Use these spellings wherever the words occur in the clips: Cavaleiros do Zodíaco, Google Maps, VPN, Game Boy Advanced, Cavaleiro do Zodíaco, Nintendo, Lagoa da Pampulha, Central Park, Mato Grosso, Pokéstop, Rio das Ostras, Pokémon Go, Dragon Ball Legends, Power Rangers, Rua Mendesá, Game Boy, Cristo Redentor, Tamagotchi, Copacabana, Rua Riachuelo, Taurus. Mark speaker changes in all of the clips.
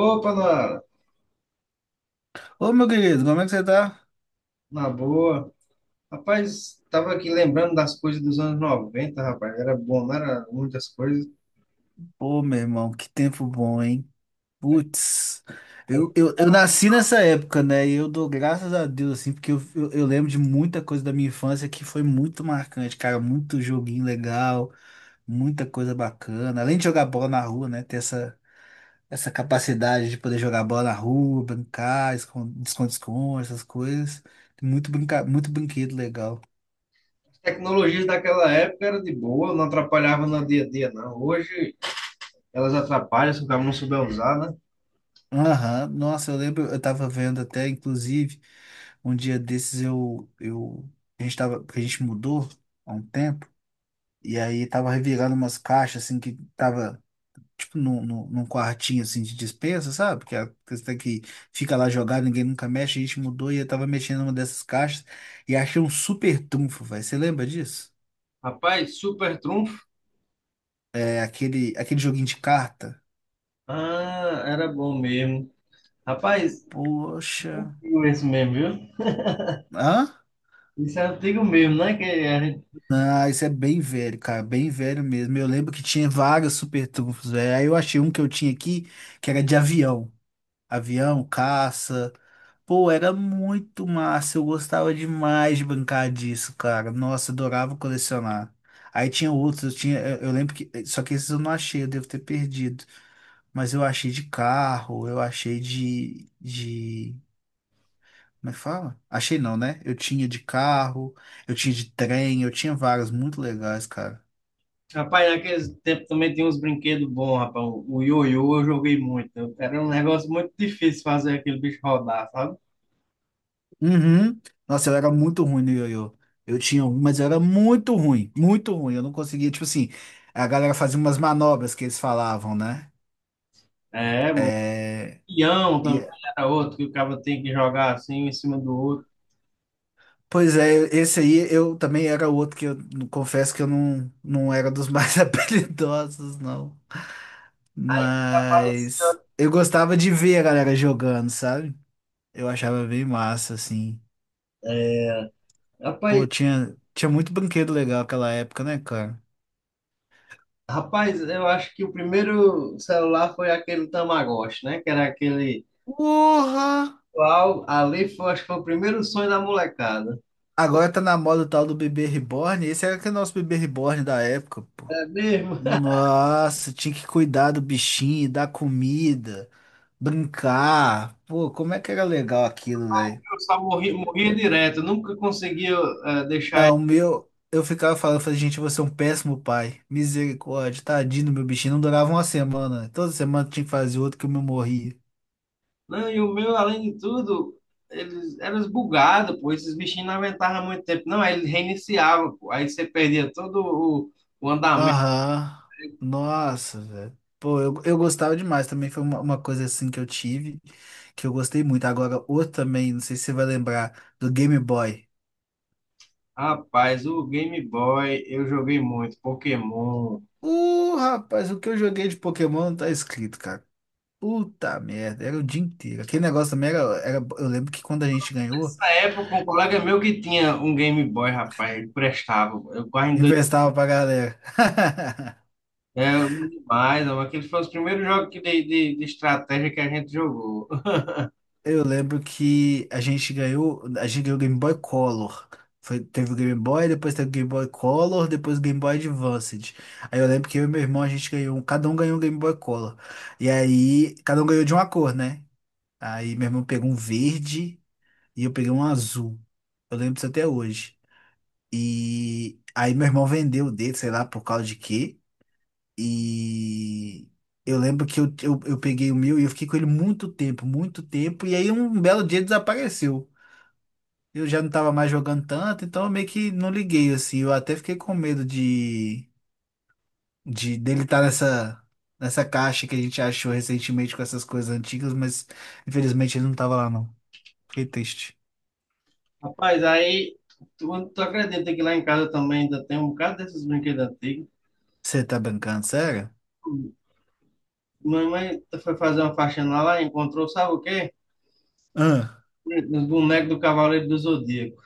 Speaker 1: Opa,
Speaker 2: Ô, meu querido, como é que você tá?
Speaker 1: na boa. Rapaz, tava aqui lembrando das coisas dos anos 90, rapaz. Era bom, não era muitas coisas.
Speaker 2: Pô, meu irmão, que tempo bom, hein? Putz, eu nasci nessa época, né? E eu dou graças a Deus, assim, porque eu lembro de muita coisa da minha infância que foi muito marcante, cara. Muito joguinho legal, muita coisa bacana. Além de jogar bola na rua, né? Ter essa capacidade de poder jogar bola na rua, brincar, esconde-esconde, essas coisas. Muito, brinca, muito brinquedo legal.
Speaker 1: As tecnologias daquela época eram de boa, não atrapalhavam no dia a dia, não. Hoje elas atrapalham se o cara não souber usar, né?
Speaker 2: Aham, nossa, eu lembro, eu tava vendo até, inclusive, um dia desses a gente tava, porque a gente mudou há um tempo, e aí tava revirando umas caixas, assim, que tava, tipo, num quartinho, assim, de despensa, sabe? Que é, a questão é que fica lá jogada, ninguém nunca mexe, a gente mudou e eu tava mexendo numa dessas caixas e achei um super trunfo, velho. Você lembra disso?
Speaker 1: Rapaz, super trunfo.
Speaker 2: É aquele joguinho de carta.
Speaker 1: Ah, era bom mesmo. Rapaz,
Speaker 2: Poxa.
Speaker 1: antigo esse mesmo, viu?
Speaker 2: Hã?
Speaker 1: Isso é antigo mesmo, né? Que a gente...
Speaker 2: Ah, isso é bem velho, cara, bem velho mesmo. Eu lembro que tinha vários super trunfos, velho. Aí eu achei um que eu tinha aqui, que era de avião. Avião, caça. Pô, era muito massa. Eu gostava demais de brincar disso, cara. Nossa, adorava colecionar. Aí tinha outros, eu tinha, eu lembro que, só que esses eu não achei, eu devo ter perdido. Mas eu achei de carro, eu achei como é que fala? Achei não, né? Eu tinha de carro, eu tinha de trem, eu tinha vários muito legais, cara.
Speaker 1: Rapaz, naquele tempo também tinha uns brinquedos bons, rapaz. O ioiô eu joguei muito. Era um negócio muito difícil fazer aquele bicho rodar, sabe?
Speaker 2: Uhum. Nossa, eu era muito ruim no ioiô. Eu tinha um, mas eu era muito ruim, muito ruim. Eu não conseguia, tipo assim, a galera fazia umas manobras que eles falavam, né?
Speaker 1: É, o peão também
Speaker 2: E,
Speaker 1: era outro que o cara tem que jogar assim um em cima do outro.
Speaker 2: pois é, esse aí eu também era outro que eu não- confesso que eu não, não era dos mais habilidosos, não. Mas
Speaker 1: Apareceu.
Speaker 2: eu gostava de ver a galera jogando, sabe? Eu achava bem massa, assim.
Speaker 1: É,
Speaker 2: Pô,
Speaker 1: rapaz,
Speaker 2: tinha muito brinquedo legal aquela época, né, cara?
Speaker 1: rapaz, eu acho que o primeiro celular foi aquele Tamagotchi, né? Que era aquele.
Speaker 2: Porra!
Speaker 1: Ali foi, acho que foi o primeiro sonho da molecada.
Speaker 2: Agora tá na moda o tal do bebê reborn. Esse era aquele nosso bebê reborn da época, pô.
Speaker 1: É mesmo?
Speaker 2: Nossa, tinha que cuidar do bichinho, dar comida, brincar. Pô, como é que era legal aquilo, velho?
Speaker 1: Eu só morria direto, nunca conseguia deixar ele.
Speaker 2: Não, o meu, eu ficava falando, eu falei, gente, você é um péssimo pai. Misericórdia, tadinho do meu bichinho. Não durava uma semana. Toda semana tinha que fazer outro que o meu morria.
Speaker 1: Não, e o meu, além de tudo, eles eram bugados, pô. Esses bichinhos não aguentavam muito tempo. Não, aí ele reiniciava, pô. Aí você perdia todo o andamento.
Speaker 2: Aham. Nossa, velho. Pô, eu gostava demais. Também foi uma coisa assim que eu tive, que eu gostei muito. Agora, outro também, não sei se você vai lembrar, do Game Boy.
Speaker 1: Rapaz, o Game Boy eu joguei muito, Pokémon.
Speaker 2: Rapaz, o que eu joguei de Pokémon não tá escrito, cara. Puta merda, era o dia inteiro. Aquele negócio também era. Eu lembro que quando a gente ganhou,
Speaker 1: Nessa época, um colega meu que tinha um Game Boy, rapaz, ele prestava. Eu quase em dois.
Speaker 2: emprestava pra galera.
Speaker 1: É, eu lembro demais, mas aquele foi os primeiros jogos que de estratégia que a gente jogou.
Speaker 2: Eu lembro que a gente ganhou o Game Boy Color. Foi, teve o Game Boy, depois teve o Game Boy Color, depois o Game Boy Advanced. Aí eu lembro que eu e meu irmão a gente ganhou, cada um ganhou um Game Boy Color. E aí, cada um ganhou de uma cor, né? Aí meu irmão pegou um verde e eu peguei um azul. Eu lembro disso até hoje. E aí meu irmão vendeu o dele, sei lá, por causa de quê. E eu lembro que eu peguei o meu e eu fiquei com ele muito tempo, muito tempo. E aí um belo dia desapareceu. Eu já não tava mais jogando tanto, então eu meio que não liguei, assim. Eu até fiquei com medo de dele estar nessa caixa que a gente achou recentemente com essas coisas antigas, mas infelizmente ele não tava lá, não. Fiquei triste.
Speaker 1: Rapaz, aí tu acredita que lá em casa também ainda tem um bocado desses brinquedos antigos.
Speaker 2: Você tá brincando, sério?
Speaker 1: Mamãe foi fazer uma faxina lá, encontrou, sabe o quê?
Speaker 2: Ah.
Speaker 1: Os bonecos do Cavaleiro do Zodíaco.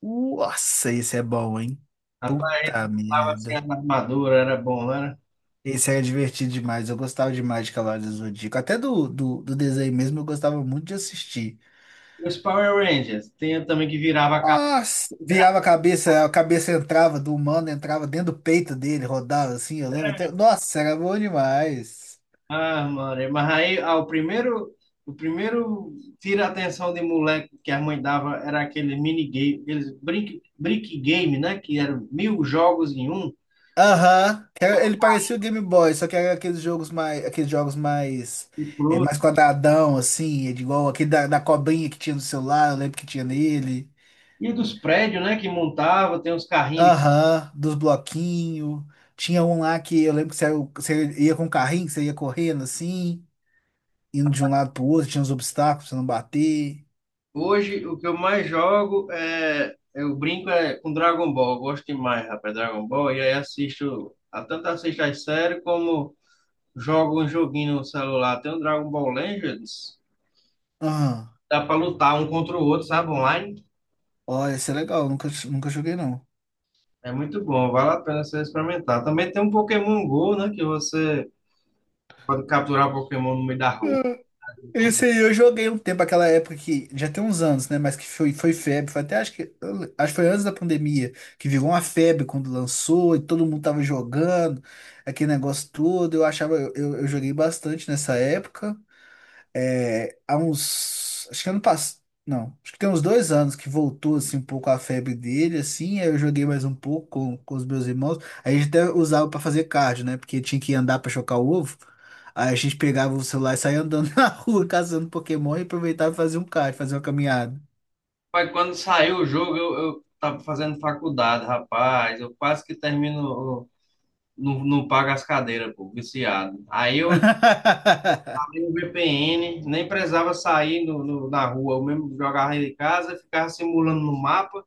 Speaker 2: Nossa, esse é bom, hein?
Speaker 1: Rapaz, a gente
Speaker 2: Puta
Speaker 1: montava assim
Speaker 2: merda.
Speaker 1: as armaduras, era bom, né?
Speaker 2: Esse era divertido demais. Eu gostava demais de Cavaleiros do Zodíaco. Até do desenho mesmo, eu gostava muito de assistir.
Speaker 1: Os Power Rangers. Tem também que virava a capa.
Speaker 2: Nossa, virava a cabeça entrava do humano, entrava dentro do peito dele, rodava assim, eu lembro até. Nossa, era bom demais.
Speaker 1: Ah, mano. Mas aí, ah, o primeiro. O primeiro tira a atenção de moleque que a mãe dava era aquele minigame, aqueles brick game, né? Que eram mil jogos em um.
Speaker 2: Aham. Era- ele parecia o Game Boy, só que era aqueles jogos mais,
Speaker 1: E,
Speaker 2: é,
Speaker 1: pro-
Speaker 2: mais quadradão, assim, igual aquele da cobrinha que tinha no celular, eu lembro que tinha nele.
Speaker 1: e dos prédios, né? Que montava, tem uns carrinhos.
Speaker 2: Aham, dos bloquinhos. Tinha um lá que eu lembro que você ia com o carrinho, que você ia correndo assim, indo de um lado pro outro, tinha uns obstáculos pra você não bater.
Speaker 1: Hoje, o que eu mais jogo é. Eu brinco é, com Dragon Ball. Eu gosto demais, rapaz, Dragon Ball. E aí assisto. Tanto assisto as séries como jogo um joguinho no celular. Tem o Dragon Ball Legends.
Speaker 2: Aham.
Speaker 1: Dá pra lutar um contra o outro, sabe? Online.
Speaker 2: Olha, isso é legal, nunca joguei não.
Speaker 1: É muito bom, vale a pena você experimentar. Também tem um Pokémon Go, né? Que você pode capturar Pokémon no meio da rua.
Speaker 2: Isso aí, eu joguei um tempo, aquela época que já tem uns anos, né? Mas que foi febre. Foi até acho que, acho que foi antes da pandemia, que virou uma febre quando lançou e todo mundo tava jogando, aquele negócio todo. Eu achava, eu joguei bastante nessa época é, há uns, acho que ano passado, não, acho que tem uns dois anos que voltou assim um pouco a febre dele, assim, aí eu joguei mais um pouco com os meus irmãos, aí a gente até usava pra fazer cardio, né, porque tinha que andar pra chocar o ovo, aí a gente pegava o celular e saía andando na rua caçando Pokémon e aproveitava e fazia um cardio, fazia uma caminhada.
Speaker 1: Mas quando saiu o jogo, eu tava fazendo faculdade, rapaz. Eu quase que termino. Não, não pago as cadeiras, pô, viciado. Aí eu abri o VPN, nem precisava sair na rua. Eu mesmo jogava em casa, ficava simulando no mapa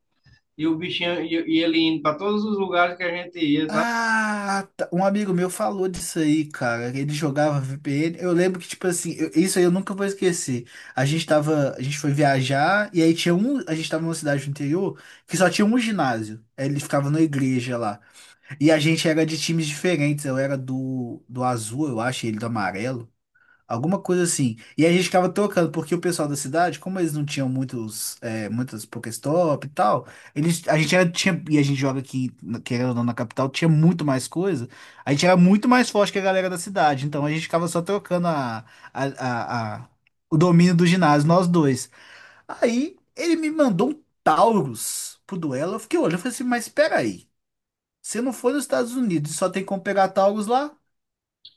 Speaker 1: e o bichinho e ele indo para todos os lugares que a gente ia, sabe?
Speaker 2: Ah, tá. Um amigo meu falou disso aí, cara. Ele jogava VPN. Eu lembro que, tipo assim, isso aí eu nunca vou esquecer. A gente foi viajar e aí a gente tava numa cidade do interior que só tinha um ginásio. Aí ele ficava na igreja lá. E a gente era de times diferentes. Eu era do azul, eu acho, e ele do amarelo. Alguma coisa assim. E aí a gente ficava tocando, porque o pessoal da cidade, como eles não tinham muitos, é, muitas Pokéstop e tal, eles, a gente era, tinha, e a gente joga aqui, querendo ou não, na capital, tinha muito mais coisa. A gente era muito mais forte que a galera da cidade. Então a gente ficava só trocando a, a, a- o domínio do ginásio, nós dois. Aí ele me mandou um Taurus pro duelo. Eu fiquei olhando, eu falei assim, mas peraí, você não foi nos Estados Unidos e só tem como pegar Taurus lá?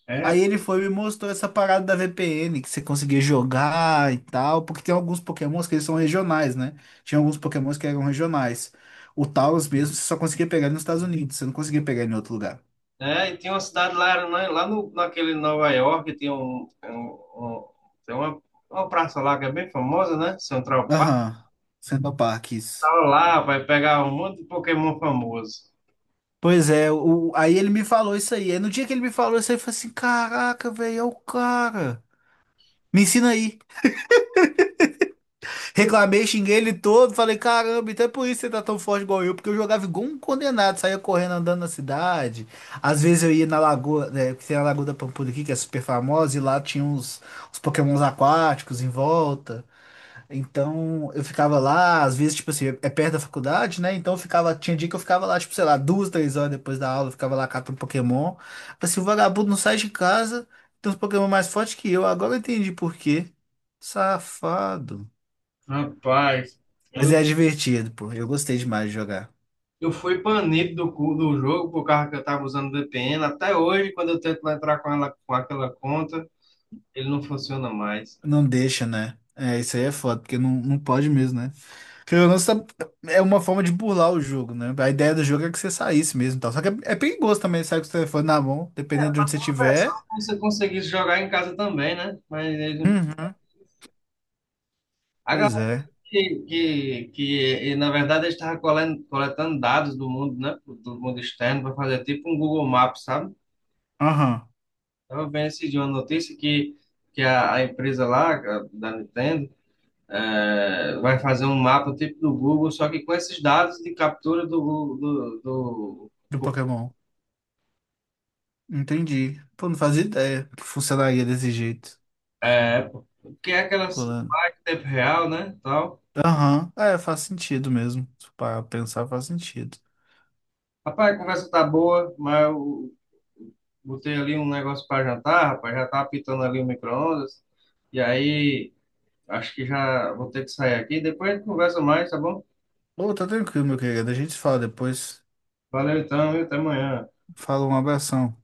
Speaker 1: É
Speaker 2: Aí ele foi e me mostrou essa parada da VPN, que você conseguia jogar e tal, porque tem alguns Pokémons que eles são regionais, né? Tinha alguns Pokémons que eram regionais. O Tauros mesmo, você só conseguia pegar ele nos Estados Unidos, você não conseguia pegar ele em outro lugar.
Speaker 1: E tinha uma cidade lá, né, lá no, naquele Nova York, tinha um- tem uma praça lá que é bem famosa, né? Central Park,
Speaker 2: Aham, Central Park, isso.
Speaker 1: tava lá, vai pegar um monte de Pokémon famoso.
Speaker 2: Pois é, o, aí ele me falou isso aí. Aí no dia que ele me falou isso aí, eu falei assim, caraca, velho, é o cara. Me ensina aí. Reclamei, xinguei ele todo, falei, caramba, então é por isso que você tá tão forte igual eu, porque eu jogava igual um condenado, saía correndo andando na cidade. Às vezes eu ia na lagoa, né, que tem a Lagoa da Pampulha aqui, que é super famosa, e lá tinha uns Pokémons aquáticos em volta. Então eu ficava lá, às vezes, tipo assim, é perto da faculdade, né? Então eu ficava, tinha dia que eu ficava lá, tipo, sei lá, 2, 3 horas depois da aula, eu ficava lá catando Pokémon. Falei assim, o vagabundo não sai de casa, tem uns Pokémon mais fortes que eu, agora eu entendi por quê. Safado.
Speaker 1: Rapaz,
Speaker 2: Mas
Speaker 1: eu,
Speaker 2: é divertido, pô. Eu gostei demais de jogar.
Speaker 1: eu fui banido do jogo por causa que eu tava usando VPN. Até hoje, quando eu tento entrar com ela, com aquela conta, ele não funciona mais.
Speaker 2: Não deixa, né? É, isso aí é foda, porque não pode mesmo, né? Porque é uma forma de burlar o jogo, né? A ideia do jogo é que você saísse mesmo e tal. Só que é perigoso também, sair com o telefone na mão, dependendo de onde você
Speaker 1: A versão
Speaker 2: estiver.
Speaker 1: que você conseguisse jogar em casa também, né? Mas eles não...
Speaker 2: Uhum.
Speaker 1: A
Speaker 2: Pois é.
Speaker 1: que, e, na verdade, ele estava coletando dados do mundo, né? Do mundo externo, para fazer tipo um Google Maps, sabe?
Speaker 2: Aham.
Speaker 1: Eu vendo esse dia uma notícia que a empresa lá, da Nintendo, vai fazer um mapa tipo do Google, só que com esses dados de captura do Google,
Speaker 2: Do Pokémon. Entendi. Pô, não fazia ideia que funcionaria desse jeito.
Speaker 1: é, porque é aquelas
Speaker 2: Pulando.
Speaker 1: em tempo real, né? Tal.
Speaker 2: Aham. É, faz sentido mesmo. Para pensar, faz sentido.
Speaker 1: Rapaz, a conversa tá boa, mas eu botei ali um negócio para jantar, rapaz, já tá apitando ali o micro-ondas, e aí. Acho que já vou ter que sair aqui. Depois a gente conversa mais, tá bom?
Speaker 2: Pô, tá tranquilo, meu querido. A gente se fala depois.
Speaker 1: Valeu então, e até amanhã.
Speaker 2: Fala um abração.